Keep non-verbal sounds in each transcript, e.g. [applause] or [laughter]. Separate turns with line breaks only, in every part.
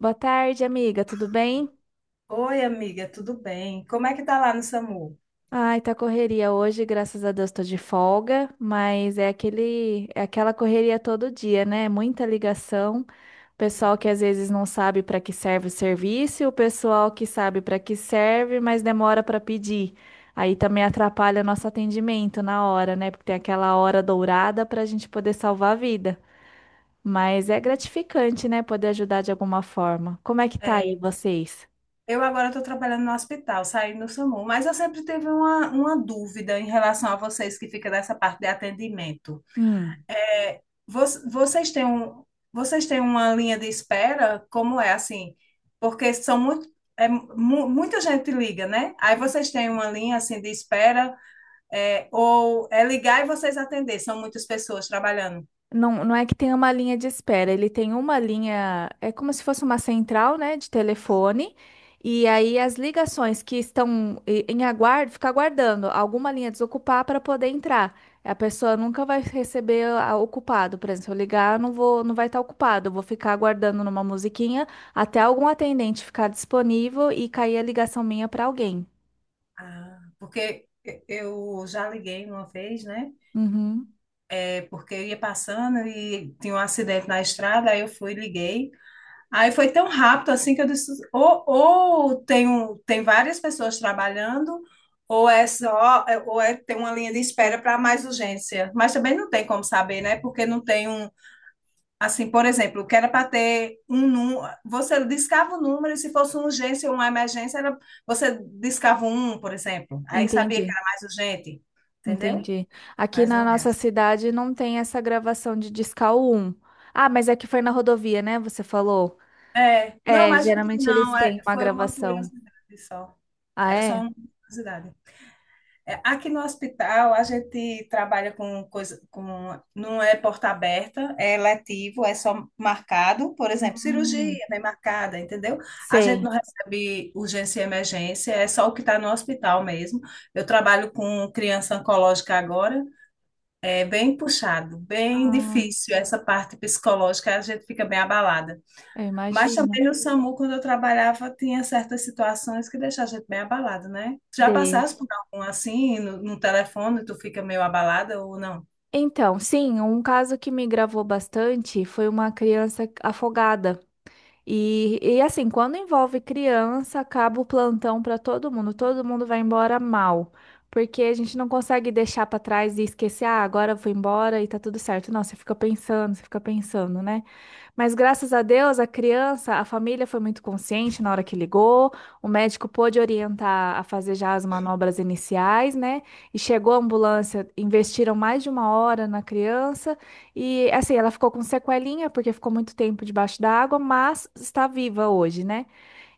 Boa tarde, amiga, tudo bem?
Oi, amiga, tudo bem? Como é que tá lá no SAMU?
Ai, tá correria hoje, graças a Deus tô de folga, mas é aquela correria todo dia, né? Muita ligação, pessoal que às vezes não sabe para que serve o serviço, e o pessoal que sabe para que serve, mas demora para pedir. Aí também atrapalha nosso atendimento na hora, né? Porque tem aquela hora dourada para a gente poder salvar a vida. Mas é gratificante, né? Poder ajudar de alguma forma. Como é que tá aí
É,
vocês?
eu agora estou trabalhando no hospital, saí no SAMU, mas eu sempre tive uma dúvida em relação a vocês que ficam nessa parte de atendimento.
Hum.
É, vocês têm uma linha de espera? Como é assim? Porque são muita gente liga, né? Aí vocês têm uma linha assim de espera, ou é ligar e vocês atender? São muitas pessoas trabalhando.
Não, não é que tem uma linha de espera, ele tem uma linha, é como se fosse uma central, né, de telefone, e aí as ligações que estão em aguardo, fica aguardando alguma linha desocupar para poder entrar. A pessoa nunca vai receber ocupado, por exemplo, se eu ligar, eu não vou, não vai estar ocupado, eu vou ficar aguardando numa musiquinha até algum atendente ficar disponível e cair a ligação minha para alguém.
Ah, porque eu já liguei uma vez, né?
Uhum,
Porque eu ia passando e tinha um acidente na estrada, aí eu fui, liguei. Aí foi tão rápido assim que eu disse, ou tem, tem várias pessoas trabalhando, ou é só, tem uma linha de espera para mais urgência. Mas também não tem como saber, né? Porque não tem um, assim, por exemplo, que era para ter um número, você discava o número e se fosse uma urgência ou uma emergência, era, você discava um, por exemplo. Aí sabia que
entendi.
era mais urgente, entendeu?
Entendi. Aqui
Mas
na
não é
nossa
assim.
cidade não tem essa gravação de Discal um. Ah, mas é que foi na rodovia, né? Você falou.
É, não,
É,
mas não tem,
geralmente eles
não. É,
têm uma
foi uma
gravação.
curiosidade só.
Ah,
Era só
é?
uma curiosidade. É, aqui no hospital, a gente trabalha com coisa, com, não é porta aberta, é letivo, é só marcado. Por exemplo,
Hum,
cirurgia bem marcada, entendeu? A gente
sei.
não recebe urgência e emergência, é só o que está no hospital mesmo. Eu trabalho com criança oncológica agora, é bem puxado, bem
Ah,
difícil essa parte psicológica, a gente fica bem abalada.
eu
Mas
imagino.
também no SAMU, quando eu trabalhava, tinha certas situações que deixavam a gente bem abalado, né? Já
Deixa.
passasse por algum assim, no telefone, tu fica meio abalada ou não?
Então, sim, um caso que me gravou bastante foi uma criança afogada. E assim, quando envolve criança, acaba o plantão para todo mundo. Todo mundo vai embora mal, porque a gente não consegue deixar para trás e esquecer, ah, agora eu vou embora e tá tudo certo. Não, você fica pensando, né? Mas graças a Deus, a criança, a família foi muito consciente na hora que ligou. O médico pôde orientar a fazer já as manobras iniciais, né? E chegou a ambulância, investiram mais de 1 hora na criança. E assim, ela ficou com sequelinha, porque ficou muito tempo debaixo da água, mas está viva hoje, né?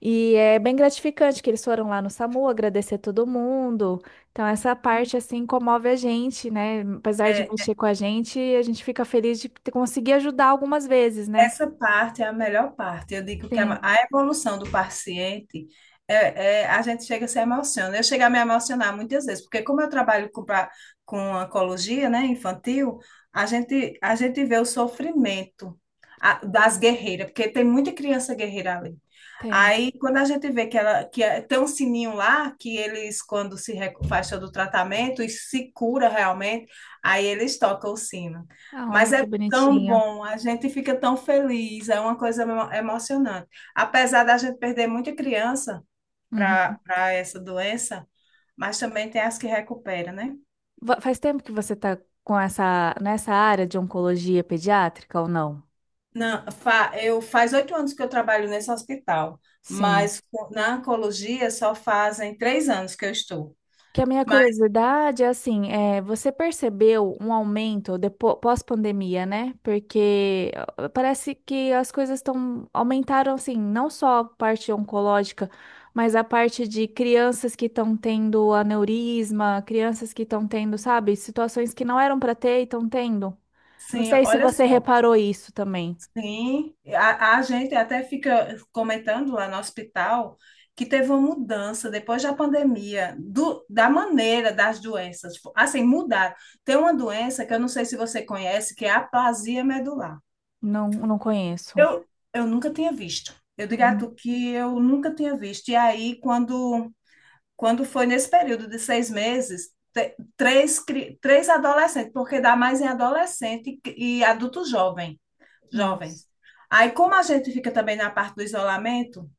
E é bem gratificante que eles foram lá no SAMU agradecer todo mundo. Então, essa parte, assim, comove a gente, né? Apesar de
É,
mexer com a gente fica feliz de conseguir ajudar algumas vezes, né?
essa parte é a melhor parte. Eu digo que a
Sim,
evolução do paciente a gente chega a se emociona. Eu chego a me emocionar muitas vezes, porque como eu trabalho com oncologia, né, infantil, a gente vê o sofrimento das guerreiras, porque tem muita criança guerreira ali.
tem.
Aí, quando a gente vê que ela que tem um sininho lá, que eles, quando se recu- faz todo o tratamento e se cura realmente, aí eles tocam o sino.
Ah,
Mas é
que
tão
bonitinho.
bom, a gente fica tão feliz, é uma coisa emocionante. Apesar da gente perder muita criança
Uhum.
para essa doença, mas também tem as que recupera, né?
Faz tempo que você tá com essa, nessa área de oncologia pediátrica ou não?
Não, eu faz 8 anos que eu trabalho nesse hospital,
Sim.
mas na oncologia só fazem 3 anos que eu estou.
Que a minha
Mas
curiosidade é assim, é, você percebeu um aumento depois, pós-pandemia, né? Porque ó, parece que as coisas estão aumentaram assim, não só a parte oncológica, mas a parte de crianças que estão tendo aneurisma, crianças que estão tendo, sabe, situações que não eram para ter e estão tendo. Não
sim,
sei se
olha
você
só.
reparou isso também.
Sim, a gente até fica comentando lá no hospital que teve uma mudança depois da pandemia, da maneira das doenças. Tipo, assim, mudaram. Tem uma doença que eu não sei se você conhece, que é a aplasia medular.
Não, não conheço.
Eu, eu nunca tinha visto. Eu digo a
Uhum.
tu que eu nunca tinha visto. E aí, quando foi nesse período de 6 meses, três, três adolescentes, porque dá mais em adolescente e adulto jovem
Nossa.
jovens. Aí, como a gente fica também na parte do isolamento,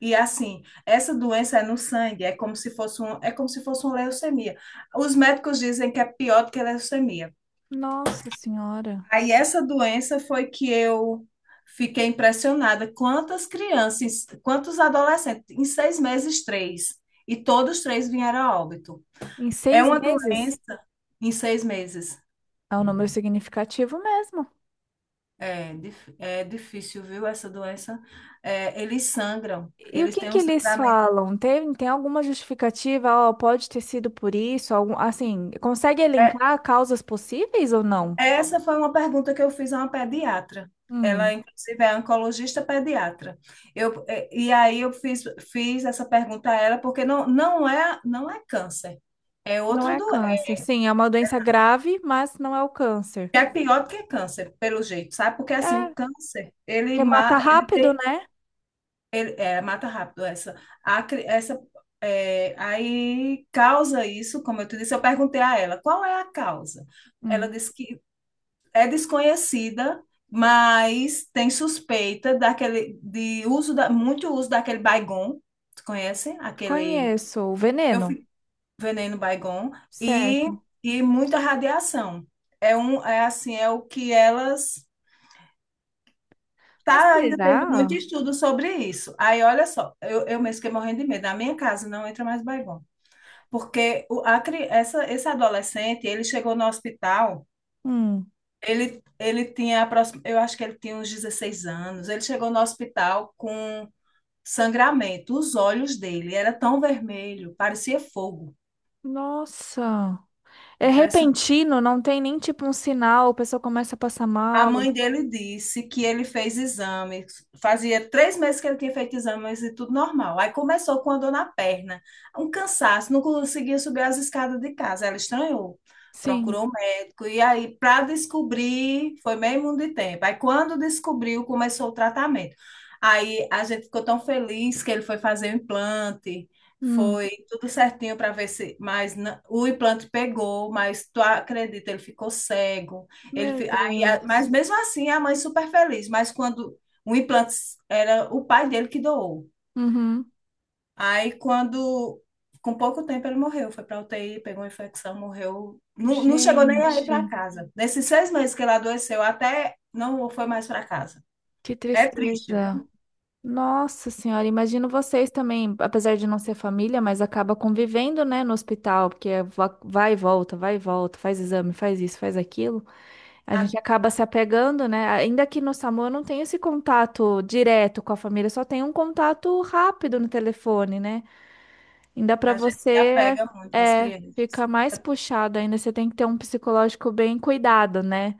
e assim, essa doença é no sangue, é como se fosse um, é como se fosse uma leucemia. Os médicos dizem que é pior do que a leucemia.
Nossa Senhora.
Aí essa doença foi que eu fiquei impressionada. Quantas crianças, quantos adolescentes, em 6 meses, três, e todos três vieram a óbito.
Em
É
seis
uma doença
meses?
em 6 meses.
É um número significativo mesmo.
É, é difícil, viu, essa doença. É, eles sangram,
E o
eles
que
têm
que
um
eles
sangramento.
falam? Tem alguma justificativa? Ó, pode ter sido por isso? Algum, assim, consegue
É,
elencar causas possíveis ou não?
essa foi uma pergunta que eu fiz a uma pediatra. Ela,
Hum,
inclusive, é oncologista pediatra. E aí eu fiz essa pergunta a ela, porque não é câncer. É
não
outra
é
doença.
câncer. Sim, é uma doença grave, mas não é o câncer.
É pior do que câncer, pelo jeito, sabe? Porque assim, o
É,
câncer, ele,
porque mata
ma ele,
rápido,
tem,
né?
ele é, mata rápido essa. A cri- essa é, aí causa isso, como eu te disse, eu perguntei a ela, qual é a causa? Ela
Hum,
disse que é desconhecida, mas tem suspeita daquele de uso da, muito uso daquele Baygon, tu conhece? Aquele
conheço o
eu
veneno,
fico veneno Baygon e
certo.
e muita radiação. É um é assim, é o que elas
Mas
tá ainda tendo muito
será?
estudo sobre isso. Aí olha só, eu mesmo fiquei morrendo de medo. Na minha casa não entra mais Baygon, porque o a, cri- essa esse adolescente, ele chegou no hospital.
Hum,
Ele tinha, eu acho que ele tinha uns 16 anos. Ele chegou no hospital com sangramento. Os olhos dele era tão vermelho, parecia fogo.
nossa. É repentino, não tem nem tipo um sinal, a pessoa começa a passar
A
mal.
mãe dele disse que ele fez exames, fazia 3 meses que ele tinha feito exames e tudo normal. Aí começou com a dor na perna, um cansaço, não conseguia subir as escadas de casa. Ela estranhou,
Sim.
procurou um médico. E aí, para descobrir, foi meio mundo de tempo. Aí, quando descobriu, começou o tratamento. Aí a gente ficou tão feliz que ele foi fazer o implante.
Hum.
Foi tudo certinho para ver se, o implante pegou, mas tu acredita, ele ficou cego. Ele,
Meu
fi- e a-
Deus.
mas mesmo assim, a mãe super feliz. Mas quando o implante era o pai dele que doou.
Uhum.
Aí, com pouco tempo, ele morreu. Foi para UTI, pegou uma infecção, morreu. Não, não chegou nem a ir para
Gente,
casa. Nesses 6 meses que ele adoeceu, até não foi mais para casa.
que
É triste, viu?
tristeza. Nossa Senhora, imagino vocês também, apesar de não ser família, mas acaba convivendo, né, no hospital, porque é vai e volta, faz exame, faz isso, faz aquilo. A
A,
gente acaba se apegando, né? Ainda que no SAMU eu não tenho esse contato direto com a família, só tenho um contato rápido no telefone, né? Ainda para
a gente se
você
apega
é,
muito às crianças.
fica mais puxado ainda, você tem que ter um psicológico bem cuidado, né?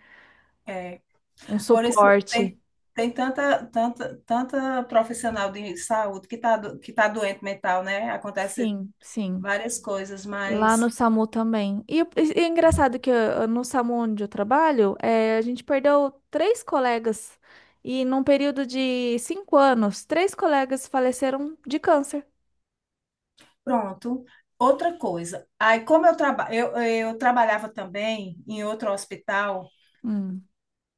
É,
Um
por isso,
suporte.
tem tanta, tanta, tanta profissional de saúde que tá doente mental, né? Acontece
Sim, sim.
várias coisas,
Lá no
mas.
SAMU também. E é engraçado que ah, no SAMU onde eu trabalho, a gente perdeu três colegas. E num período de 5 anos, três colegas faleceram de câncer.
Pronto. Outra coisa, aí como eu trabalhava também em outro hospital,
Hum.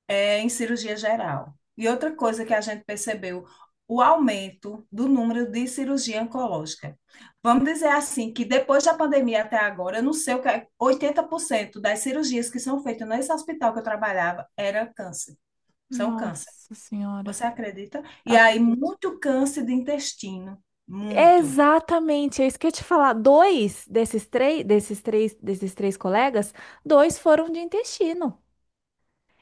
é, em cirurgia geral. E outra coisa que a gente percebeu, o aumento do número de cirurgia oncológica. Vamos dizer assim, que depois da pandemia até agora, eu não sei o que é, 80% das cirurgias que são feitas nesse hospital que eu trabalhava era câncer, são câncer.
Nossa Senhora.
Você acredita?
Eu
E aí,
acredito.
muito câncer de intestino, muito.
Exatamente, é isso que eu ia te falar. Dois desses três colegas, dois foram de intestino.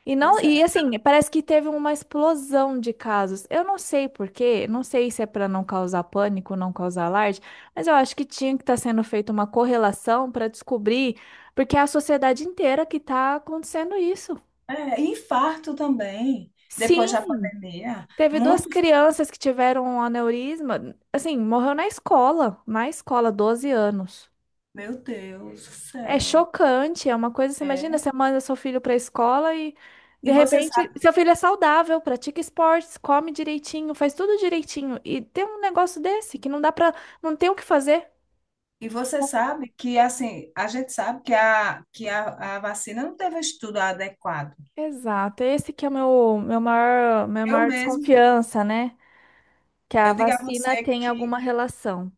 E não,
Pois
e
é.
assim, parece que teve uma explosão de casos. Eu não sei por quê, não sei se é para não causar pânico, não causar alarde, mas eu acho que tinha que estar sendo feita uma correlação para descobrir, porque é a sociedade inteira que está acontecendo isso.
É, e infarto também, depois da
Sim,
pandemia.
teve duas
Muitos,
crianças que tiveram um aneurisma, assim, morreu na escola, 12 anos.
meu Deus do
É
céu.
chocante, é uma coisa, você imagina,
É.
você manda seu filho para a escola e de
E você
repente
sabe,
seu filho é saudável, pratica esportes, come direitinho, faz tudo direitinho e tem um negócio desse que não dá para, não tem o que fazer.
e você sabe que assim, a gente sabe que a vacina não teve um estudo adequado.
Exato, esse que é o meu maior, minha
Eu
maior
mesmo,
desconfiança, né? Que a
eu digo a
vacina
você
tem
que
alguma relação.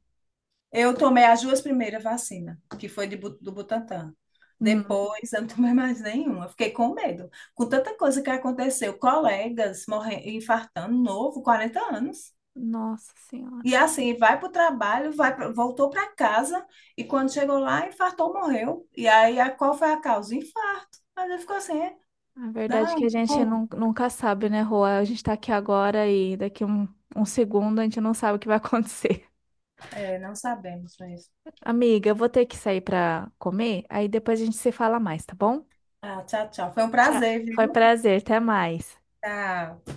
eu tomei as duas primeiras vacinas, que foi do Butantan.
Hum,
Depois eu não tomei mais nenhuma. Fiquei com medo. Com tanta coisa que aconteceu, colegas morrendo, infartando, novo, 40 anos.
nossa senhora.
E assim, vai para o trabalho, voltou para casa e quando chegou lá, infartou, morreu. E aí, qual foi a causa? Infarto. Mas ele ficou assim, é?
A verdade
Dá
é que a
um,
gente
como?
nunca sabe, né, Rua? A gente tá aqui agora e daqui um segundo a gente não sabe o que vai [laughs] acontecer.
É, não sabemos mesmo.
Amiga, eu vou ter que sair para comer, aí depois a gente se fala mais, tá bom?
Ah, tchau, tchau. Foi um
Tchau.
prazer,
Foi
viu?
prazer, até mais.
Tchau.